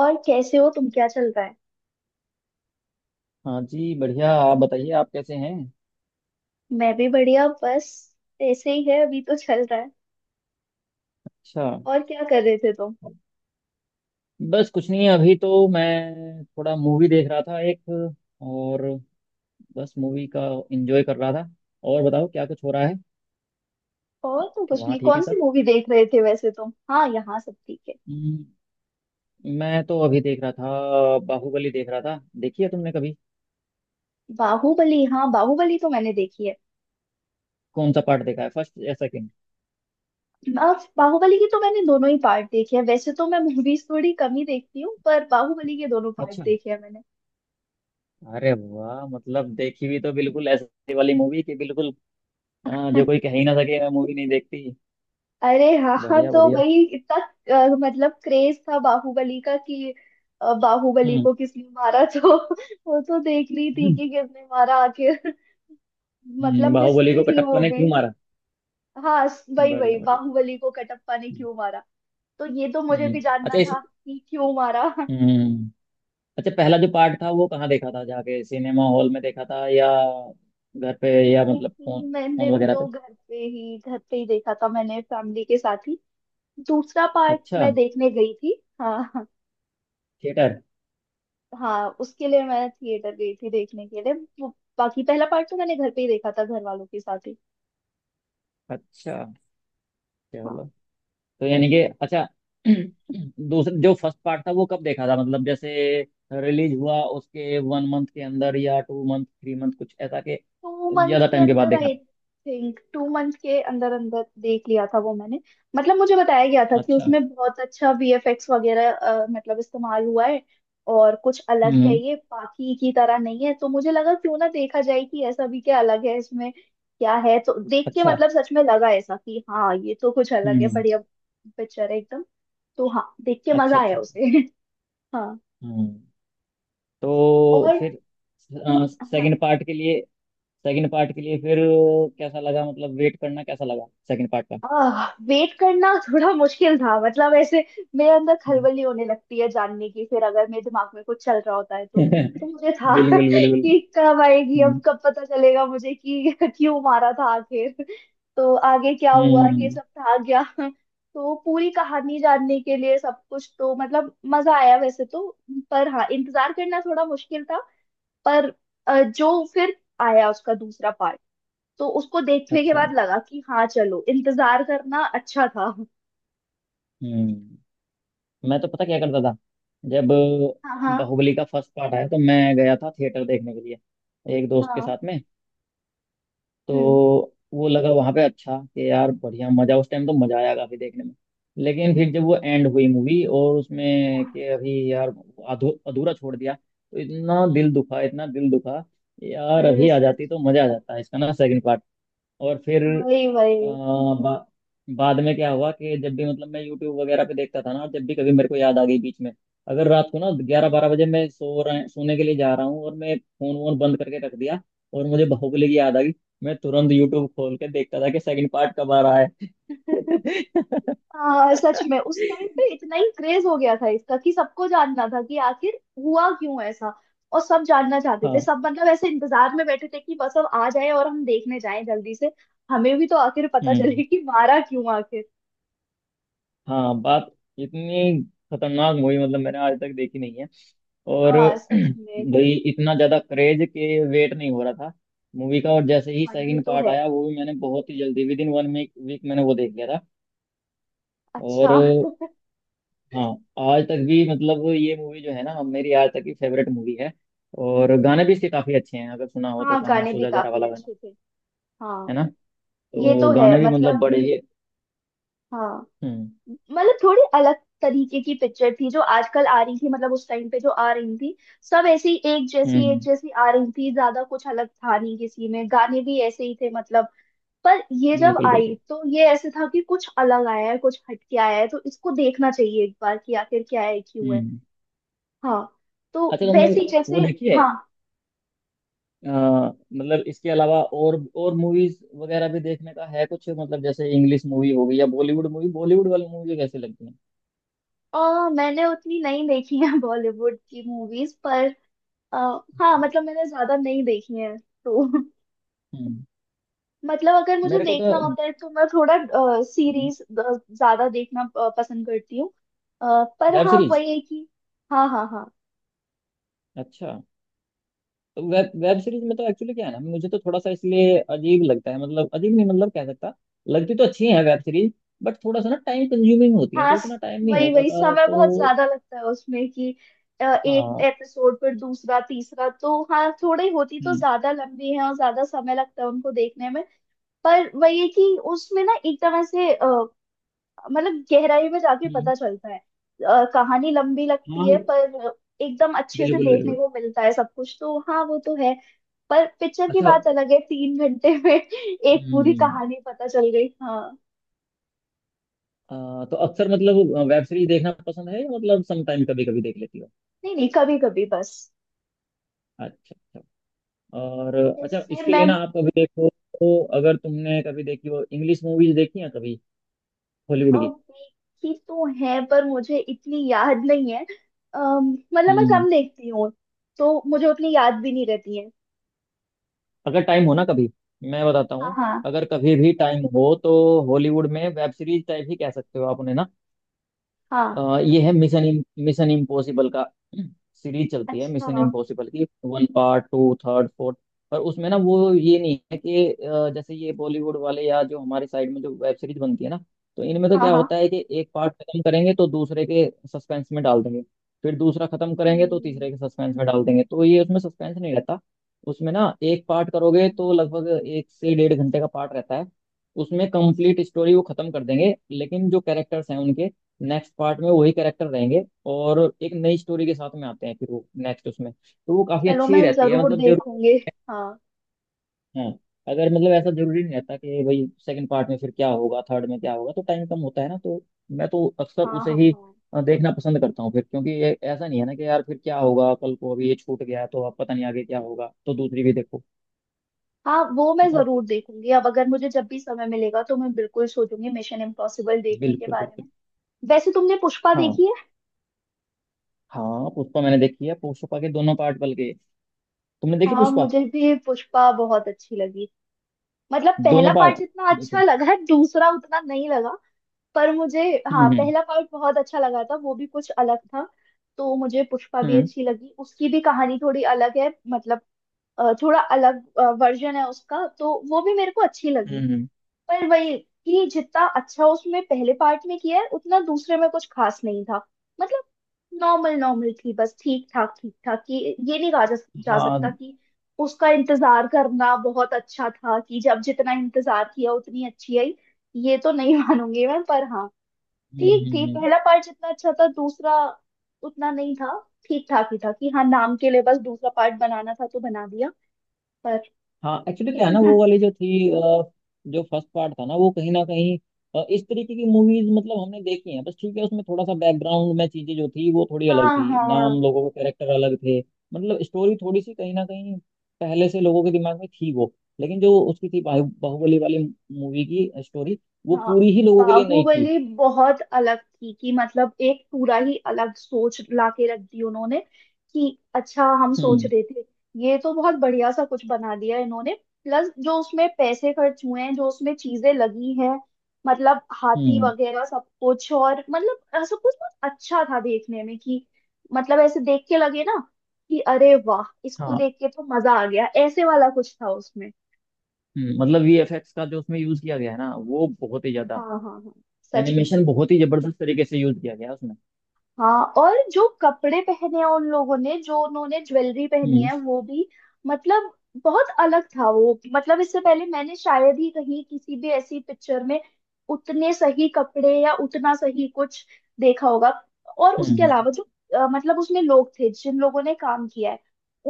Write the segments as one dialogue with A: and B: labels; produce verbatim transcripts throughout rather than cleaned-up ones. A: और कैसे हो तुम? क्या चल रहा है?
B: हाँ जी, बढ़िया। आप बताइए, आप कैसे हैं?
A: मैं भी बढ़िया। बस ऐसे ही है, अभी तो चल रहा है।
B: अच्छा।
A: और क्या कर रहे थे तुम?
B: बस कुछ नहीं, अभी तो मैं थोड़ा मूवी देख रहा था एक। और बस मूवी का एंजॉय कर रहा था। और बताओ, क्या कुछ हो रहा है?
A: और तो कुछ
B: वहाँ
A: नहीं।
B: ठीक है
A: कौन सी
B: सब।
A: मूवी देख रहे थे वैसे तुम? हाँ, यहाँ सब ठीक है।
B: हम्म, मैं तो अभी देख रहा था, बाहुबली देख रहा था। देखी है तुमने कभी?
A: बाहुबली? हाँ, बाहुबली तो मैंने देखी है।
B: कौन सा पार्ट देखा है, फर्स्ट या सेकंड?
A: अब बाहुबली की तो मैंने दोनों ही पार्ट देखे हैं। वैसे तो मैं मूवीज थोड़ी कम ही देखती हूँ, पर बाहुबली के दोनों पार्ट
B: अच्छा।
A: देखे हैं मैंने।
B: अरे वाह, मतलब देखी भी तो बिल्कुल ऐसी वाली मूवी कि बिल्कुल, अ, जो कोई कह ही ना सके मैं मूवी नहीं देखती।
A: अरे, हाँ हाँ,
B: बढ़िया
A: तो
B: बढ़िया।
A: वही इतना अ, मतलब क्रेज था बाहुबली का कि। अ, बाहुबली
B: हम्म,
A: को किसने मारा, तो वो तो देख रही थी कि किसने मारा आखिर।
B: हम्म,
A: मतलब
B: बाहुबली
A: मिस्ट्री
B: को
A: थी
B: कटप्पा
A: वो
B: ने
A: भी।
B: क्यों मारा?
A: हाँ, स- वही
B: बढ़िया
A: वही,
B: बढ़िया।
A: बाहुबली को कटप्पा ने क्यों मारा। तो ये तो मुझे
B: हम्म।
A: भी
B: अच्छा,
A: जानना
B: इस...
A: था कि क्यों मारा।
B: हम्म। अच्छा, पहला जो पार्ट था वो कहाँ देखा था? जाके सिनेमा हॉल में देखा था, या घर पे, या मतलब फोन,
A: नहीं,
B: फोन
A: मैंने
B: वगैरह पे।
A: तो घर पे ही घर पे ही देखा था, मैंने फैमिली के साथ ही। दूसरा पार्ट
B: अच्छा।
A: मैं देखने गई थी, हाँ हाँ।
B: थिएटर।
A: हाँ, उसके लिए मैं थिएटर गई थी देखने के लिए। वो बाकी पहला पार्ट तो मैंने घर पे ही देखा था, घर वालों के साथ ही।
B: अच्छा।
A: हाँ,
B: चलो। तो यानी कि, अच्छा। दूसरा जो फर्स्ट पार्ट था वो कब देखा था, मतलब जैसे रिलीज हुआ उसके वन मंथ के अंदर, या टू मंथ थ्री मंथ, कुछ ऐसा के
A: टू मंथ
B: ज्यादा
A: के
B: टाइम के बाद
A: अंदर,
B: देखा
A: आई
B: था?
A: थिंक टू मंथ के अंदर अंदर देख लिया था वो मैंने। मतलब मुझे बताया गया था कि
B: अच्छा।
A: उसमें बहुत अच्छा वीएफएक्स वगैरह अ, मतलब इस्तेमाल हुआ है। और कुछ अलग है,
B: हम्म।
A: ये बाकी की तरह नहीं है, तो मुझे लगा क्यों ना देखा जाए कि ऐसा भी क्या अलग है इसमें, क्या है। तो देख के
B: अच्छा।
A: मतलब सच में लगा ऐसा कि हाँ, ये तो कुछ अलग है,
B: हम्म।
A: बढ़िया पिक्चर है एकदम। तो हाँ, देख के
B: अच्छा,
A: मजा आया
B: अच्छा, अच्छा।
A: उसे। हाँ।
B: हम्म। तो
A: और।
B: फिर
A: हाँ।
B: सेकंड पार्ट के लिए, सेकंड पार्ट के लिए फिर कैसा लगा, मतलब वेट करना कैसा लगा सेकंड पार्ट का?
A: आह, वेट करना थोड़ा मुश्किल था मतलब ऐसे। मेरे अंदर
B: हम्म।
A: खलबली होने लगती है जानने की, फिर अगर मेरे दिमाग में कुछ चल रहा होता है तो। तो मुझे था
B: बिल्कुल बिल्कुल।
A: कि कब आएगी,
B: हम्म,
A: अब कब पता चलेगा मुझे कि क्यों मारा था आखिर। तो आगे क्या हुआ ये
B: हम्म।
A: सब था, गया। तो पूरी कहानी जानने के लिए सब कुछ, तो मतलब मजा आया वैसे तो। पर हाँ, इंतजार करना थोड़ा मुश्किल था। पर अ, जो फिर आया उसका दूसरा पार्ट, तो उसको देखने के
B: अच्छा।
A: बाद लगा कि हाँ, चलो, इंतजार करना अच्छा था।
B: हम्म। मैं तो पता क्या करता था, जब
A: हाँ हाँ
B: बाहुबली का फर्स्ट पार्ट आया तो मैं गया था थिएटर देखने के लिए, एक दोस्त के
A: हाँ।
B: साथ में।
A: हम्म।
B: तो वो लगा वहां पे अच्छा कि यार, बढ़िया मजा, उस टाइम तो मजा आया काफी देखने में। लेकिन फिर जब वो एंड हुई मूवी, और उसमें कि अभी यार अधू, अधूरा छोड़ दिया, तो इतना दिल दुखा, इतना दिल दुखा। यार,
A: अरे,
B: अभी आ
A: सच
B: जाती तो
A: में।
B: मजा आ जाता है इसका ना सेकंड पार्ट। और फिर
A: वही
B: अ,
A: वही।
B: बा, बाद में क्या हुआ कि जब भी मतलब मैं यूट्यूब वगैरह पे देखता था ना, जब भी कभी मेरे को याद आ गई बीच में, अगर रात को ना ग्यारह
A: हाँ।
B: बारह बजे मैं सो रहा, सोने के लिए जा रहा हूँ और मैं फोन वोन बंद करके रख दिया, और मुझे बाहुबली की याद आ गई, मैं तुरंत यूट्यूब खोल के देखता था कि सेकंड पार्ट कब आ रहा है।
A: हाँ, सच में, उस टाइम पे इतना ही क्रेज हो गया था इसका कि सबको जानना था कि आखिर हुआ क्यों ऐसा। और सब जानना चाहते थे,
B: हाँ।
A: सब मतलब ऐसे इंतजार में बैठे थे कि बस अब आ जाए और हम देखने जाएं जल्दी से। हमें भी तो आखिर पता
B: हम्म।
A: चले कि मारा क्यों, आखिर।
B: हाँ, बात... इतनी खतरनाक मूवी मतलब मैंने आज तक देखी नहीं है। और
A: हाँ, सच में।
B: भाई, इतना ज्यादा क्रेज के वेट नहीं हो रहा था मूवी का, और जैसे ही
A: हाँ, ये
B: सेकंड
A: तो
B: पार्ट
A: है।
B: आया वो भी मैंने बहुत ही जल्दी, विद इन वन वीक मैंने वो देख लिया था। और
A: अच्छा।
B: हाँ, आज तक भी मतलब ये मूवी जो है ना, मेरी आज तक की फेवरेट मूवी है। और गाने भी इसके काफी अच्छे हैं, अगर सुना हो तो
A: हाँ,
B: गाना
A: गाने भी
B: सोजा जरा वाला
A: काफी
B: गाना,
A: अच्छे थे।
B: है
A: हाँ,
B: ना?
A: ये
B: तो
A: तो है
B: गाने भी मतलब
A: मतलब।
B: बड़े ही...
A: हाँ।
B: हम्म,
A: मतलब थोड़ी अलग तरीके की पिक्चर थी, जो आजकल आ रही थी, मतलब उस टाइम पे जो आ रही थी। सब ऐसी एक
B: हम्म,
A: जैसी
B: हम्म।
A: एक जैसी आ रही थी, ज्यादा कुछ अलग था नहीं किसी में, गाने भी ऐसे ही थे मतलब। पर ये जब
B: बिल्कुल
A: आई
B: बिल्कुल।
A: तो ये ऐसे था कि कुछ अलग आया है, कुछ हटके आया है, तो इसको देखना चाहिए एक बार कि आखिर क्या है, क्यों है।
B: हम्म।
A: हाँ, तो
B: अच्छा, तुमने
A: वैसे ही जैसे।
B: वो देखी है?
A: हाँ,
B: अ, मतलब इसके अलावा और और मूवीज वगैरह भी देखने का है कुछ, मतलब जैसे इंग्लिश मूवी हो गई या बॉलीवुड मूवी, बॉलीवुड वाली मूवी कैसे लगती है?
A: और मैंने उतनी नहीं देखी है बॉलीवुड की मूवीज पर। अ, हाँ,
B: अच्छा।
A: मतलब मैंने ज्यादा नहीं देखी है तो।
B: हम्म।
A: मतलब अगर मुझे
B: मेरे को तो
A: देखना होता है तो मैं थोड़ा सीरीज ज्यादा देखना अ, पसंद करती हूँ। अ, पर
B: वेब
A: हाँ,
B: सीरीज...
A: वही है कि। हाँ हाँ हाँ।
B: अच्छा, तो वेब वेब सीरीज में तो एक्चुअली क्या है ना, मुझे तो थोड़ा सा इसलिए अजीब लगता है, मतलब अजीब नहीं मतलब कह सकता, लगती तो अच्छी है वेब सीरीज। बट थोड़ा सा ना टाइम कंज्यूमिंग होती है,
A: हाँ,
B: तो इतना
A: स-
B: टाइम नहीं हो
A: वही वही,
B: पाता,
A: समय बहुत
B: तो...
A: ज्यादा लगता है उसमें कि। अ, एक
B: हाँ।
A: एपिसोड पर दूसरा तीसरा, तो हाँ, थोड़ी होती तो
B: हम्म,
A: ज्यादा लंबी है, और ज्यादा समय लगता है उनको देखने में। पर वही है कि उसमें ना एकदम ऐसे मतलब गहराई में जाके
B: हम्म।
A: पता चलता है, अ, कहानी लंबी लगती
B: हाँ,
A: है पर एकदम अच्छे से
B: बिल्कुल
A: देखने
B: बिल्कुल।
A: को मिलता है सब कुछ, तो हाँ, वो तो है। पर पिक्चर की
B: अच्छा।
A: बात अलग है, तीन घंटे में एक पूरी
B: हम्म।
A: कहानी पता चल गई। हाँ।
B: आ, तो अक्सर मतलब वेब सीरीज देखना पसंद है, या मतलब सम टाइम कभी कभी देख लेती हो?
A: नहीं नहीं, कभी कभी बस।
B: अच्छा अच्छा। और अच्छा,
A: जैसे
B: इसके
A: मैं
B: लिए ना आप कभी देखो, तो अगर तुमने कभी देखी हो, इंग्लिश मूवीज देखी हैं कभी, हॉलीवुड
A: अ,
B: की?
A: देखी तो है पर मुझे इतनी याद नहीं है। अम, मतलब मैं
B: हम्म।
A: कम देखती हूँ, तो मुझे उतनी याद भी नहीं रहती है।
B: अगर टाइम हो ना कभी, मैं बताता
A: हाँ
B: हूँ,
A: हाँ
B: अगर कभी भी टाइम हो तो हॉलीवुड में वेब सीरीज टाइप ही कह सकते हो आप उन्हें ना।
A: हाँ।
B: अ, ये है मिशन, मिशन इम्पॉसिबल का। सीरीज चलती है
A: अच्छा।
B: मिशन इम्पॉसिबल की, one part two third fourth. पर उसमें ना वो ये नहीं है कि, अ, जैसे ये बॉलीवुड वाले या जो हमारे साइड में जो वेब सीरीज बनती है ना, तो इनमें तो
A: हाँ
B: क्या
A: हाँ।
B: होता है कि एक पार्ट खत्म करेंगे तो दूसरे के सस्पेंस में डाल देंगे, फिर दूसरा खत्म करेंगे तो
A: हम्म,
B: तीसरे के सस्पेंस में डाल देंगे। तो ये उसमें सस्पेंस नहीं रहता, उसमें ना एक पार्ट करोगे तो लगभग एक से डेढ़ घंटे का पार्ट रहता है, उसमें कंप्लीट स्टोरी वो खत्म कर देंगे, लेकिन जो कैरेक्टर्स हैं उनके नेक्स्ट पार्ट में वही कैरेक्टर रहेंगे, और एक नई स्टोरी के साथ में आते हैं फिर वो नेक्स्ट। उसमें तो वो काफी
A: चलो,
B: अच्छी
A: मैं
B: रहती है,
A: जरूर
B: मतलब जरूर।
A: देखूंगी। हाँ
B: हाँ। अगर मतलब ऐसा जरूरी नहीं रहता कि भाई सेकंड पार्ट में फिर क्या होगा, थर्ड में क्या होगा, तो टाइम कम होता है ना, तो मैं तो अक्सर
A: हाँ
B: उसे
A: हाँ
B: ही
A: हाँ।
B: अ, देखना पसंद करता हूँ फिर, क्योंकि ये ऐसा नहीं है ना कि यार फिर क्या होगा कल को, अभी ये छूट गया है तो अब पता नहीं आगे क्या होगा तो दूसरी भी देखो,
A: हाँ, वो मैं
B: है ना?
A: जरूर देखूंगी। अब अगर मुझे जब भी समय मिलेगा तो मैं बिल्कुल सोचूंगी मिशन इम्पॉसिबल देखने के
B: बिल्कुल
A: बारे
B: बिल्कुल।
A: में। वैसे तुमने पुष्पा
B: हाँ।
A: देखी है?
B: हाँ पुष्पा मैंने देखी है, पुष्पा के दोनों पार्ट बल्कि। तुमने देखी
A: हाँ,
B: पुष्पा?
A: मुझे भी पुष्पा बहुत अच्छी लगी। मतलब पहला
B: दोनों
A: पार्ट
B: पार्ट,
A: जितना अच्छा
B: बिल्कुल।
A: लगा, दूसरा उतना नहीं लगा। पर मुझे,
B: हम्म,
A: हाँ,
B: हम्म,
A: पहला पार्ट बहुत अच्छा लगा था, वो भी कुछ अलग था। तो मुझे पुष्पा भी
B: हम्म।
A: अच्छी लगी, उसकी भी कहानी थोड़ी अलग है मतलब। अ, थोड़ा अलग वर्जन है उसका, तो वो भी मेरे को अच्छी लगी।
B: हम्म।
A: पर वही कि जितना अच्छा उसमें पहले पार्ट में किया है, उतना दूसरे में कुछ खास नहीं था। मतलब नॉर्मल नॉर्मल थी, बस ठीक ठाक ठीक ठाक कि ये नहीं कहा जा, जा
B: हाँ।
A: सकता
B: हम्म,
A: कि उसका इंतजार करना बहुत अच्छा था, कि जब जितना इंतजार किया उतनी अच्छी आई। ये तो नहीं मानूंगी मैं, पर हाँ,
B: हम्म,
A: ठीक थी।
B: हम्म।
A: पहला पार्ट जितना अच्छा था, दूसरा उतना नहीं था। ठीक ठाक ही था कि हाँ, नाम के लिए बस दूसरा पार्ट बनाना था तो बना दिया। पर
B: हाँ, एक्चुअली क्या है ना वो वाली जो थी, अ, जो फर्स्ट पार्ट था ना वो कहीं ना कहीं, अ, इस तरीके की मूवीज मतलब हमने देखी हैं बस, ठीक है। उसमें थोड़ा सा बैकग्राउंड में चीजें जो थी वो थोड़ी अलग
A: हाँ
B: थी,
A: हाँ
B: नाम लोगों के कैरेक्टर अलग थे, मतलब स्टोरी थोड़ी सी कहीं ना कहीं पहले से लोगों के दिमाग में थी वो, लेकिन जो उसकी थी बाहु- बाहुबली वाली मूवी की स्टोरी वो
A: हाँ।
B: पूरी ही लोगों के लिए नई थी।
A: बाहुबली बहुत अलग थी कि मतलब एक पूरा ही अलग सोच लाके रख दी उन्होंने कि अच्छा, हम सोच
B: हम्म,
A: रहे थे ये तो बहुत बढ़िया सा कुछ बना दिया इन्होंने। प्लस जो उसमें पैसे खर्च हुए हैं, जो उसमें चीजें लगी हैं, मतलब हाथी
B: हम्म।
A: वगैरह सब कुछ, और मतलब सब कुछ बहुत अच्छा था देखने में कि मतलब ऐसे देख के लगे ना कि अरे वाह, इसको
B: हाँ।
A: देख के तो मजा आ गया, ऐसे वाला कुछ था उसमें।
B: हम्म, मतलब वी एफ एक्स का जो उसमें यूज किया गया है ना वो बहुत ही ज्यादा
A: हाँ हाँ हाँ, सच में।
B: एनिमेशन बहुत ही जबरदस्त तरीके से यूज किया गया उसमें।
A: हाँ, और जो कपड़े पहने हैं उन लोगों ने, जो उन्होंने ज्वेलरी पहनी
B: हम्म,
A: है वो भी, मतलब बहुत अलग था वो, मतलब इससे पहले मैंने शायद ही कहीं किसी भी ऐसी पिक्चर में उतने सही कपड़े या उतना सही कुछ देखा होगा। और उसके
B: हम्म,
A: अलावा जो अ, मतलब उसमें लोग थे, जिन लोगों ने काम किया है,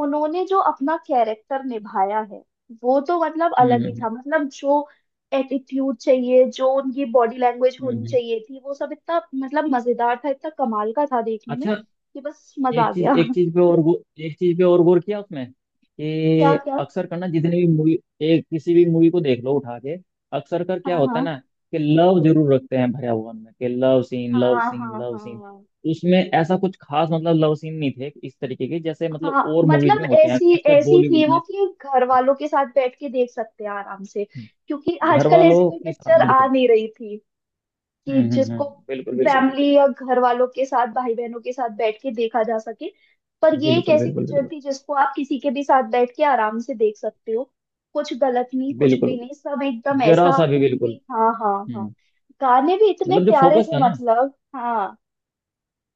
A: उन्होंने जो अपना कैरेक्टर निभाया है वो तो मतलब अलग ही
B: हम्म,
A: था, मतलब जो एटीट्यूड चाहिए, जो उनकी बॉडी लैंग्वेज
B: हम्म,
A: होनी
B: हम्म।
A: चाहिए थी, वो सब इतना मतलब मजेदार था, इतना कमाल का था देखने में
B: अच्छा।
A: कि बस मजा
B: एक
A: आ
B: चीज
A: गया।
B: एक चीज पे और गौ- एक चीज पे और गौर किया उसमें
A: क्या
B: कि
A: क्या?
B: अक्सर करना जितनी भी मूवी, एक किसी भी मूवी को देख लो उठा के, अक्सर कर क्या
A: हाँ
B: होता है
A: हाँ
B: ना, कि लव जरूर रखते हैं भरा हुआ उनमें कि लव सीन, लव
A: हाँ
B: सीन,
A: हाँ
B: लव सीन।
A: हाँ
B: उसमें ऐसा कुछ खास मतलब लव सीन नहीं थे इस तरीके के, जैसे मतलब
A: हाँ।
B: और मूवीज
A: मतलब
B: में होते हैं
A: ऐसी
B: खासकर
A: ऐसी
B: बॉलीवुड
A: थी वो
B: में।
A: कि घर वालों के साथ बैठ के देख सकते हैं आराम से,
B: हम्म।
A: क्योंकि
B: घर
A: आजकल ऐसी
B: वालों
A: कोई
B: के साथ
A: पिक्चर आ
B: बिल्कुल।
A: नहीं रही थी कि
B: हम्म, हम्म,
A: जिसको
B: हम्म, बिल्कुल बिल्कुल बिल्कुल।
A: फैमिली या घर वालों के साथ, भाई बहनों के साथ बैठ के देखा जा सके। पर ये एक
B: बिल्कुल।
A: ऐसी
B: बिल्कुल
A: पिक्चर
B: बिल्कुल
A: थी जिसको आप किसी के भी साथ बैठ के आराम से देख सकते हो, कुछ गलत नहीं, कुछ भी
B: बिल्कुल।
A: नहीं, सब एकदम
B: जरा
A: ऐसा
B: सा भी बिल्कुल।
A: कि हाँ हाँ हाँ।
B: हम्म।
A: गाने भी इतने
B: मतलब जो
A: प्यारे
B: फोकस
A: थे
B: था ना,
A: मतलब। हाँ।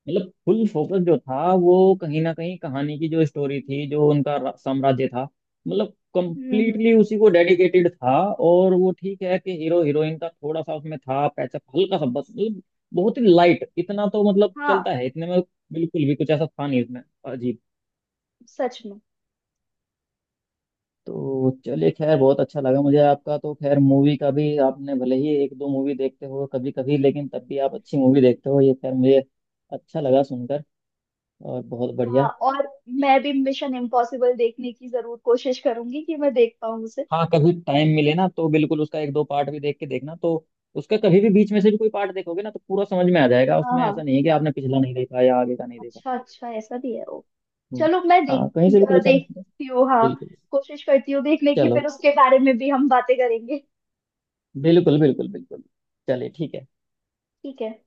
B: मतलब फुल फोकस जो था वो कहीं ना कहीं कहानी की जो स्टोरी थी, जो उनका रा- साम्राज्य था, मतलब
A: हम्म हम्म
B: कंप्लीटली उसी
A: हम्म।
B: को डेडिकेटेड था। और वो ठीक है कि हीरो हीरोइन का थोड़ा सा उसमें था पैचअप हल्का सा बस, मतलब बहुत ही लाइट, इतना तो मतलब
A: हाँ,
B: चलता है इतने में। बिल्कुल भी कुछ ऐसा था नहीं इसमें अजीब।
A: सच में।
B: तो चलिए खैर, बहुत अच्छा लगा मुझे आपका, तो खैर मूवी का भी आपने भले ही एक दो मूवी देखते हो कभी कभी, लेकिन तब भी आप अच्छी मूवी देखते हो, ये खैर मुझे अच्छा लगा सुनकर। और बहुत
A: हाँ,
B: बढ़िया।
A: और मैं भी मिशन इम्पॉसिबल देखने की जरूर कोशिश करूंगी कि मैं देख पाऊँ उसे।
B: हाँ, कभी टाइम मिले ना तो बिल्कुल उसका एक दो पार्ट भी देख के देखना तो। उसका कभी भी बीच में से भी कोई पार्ट देखोगे ना तो पूरा समझ में आ जाएगा,
A: हाँ
B: उसमें ऐसा
A: हाँ।
B: नहीं है कि आपने पिछला नहीं देखा या आगे का नहीं देखा।
A: अच्छा अच्छा, ऐसा भी है वो।
B: हम्म।
A: चलो, मैं देख
B: हाँ, कहीं से भी
A: अ,
B: कोई समझ...
A: देखती हूँ, हाँ।
B: बिल्कुल।
A: कोशिश करती हूँ देखने की,
B: चलो,
A: फिर उसके बारे में भी हम बातें करेंगे।
B: बिल्कुल बिल्कुल बिल्कुल। चलिए ठीक है।
A: ठीक है।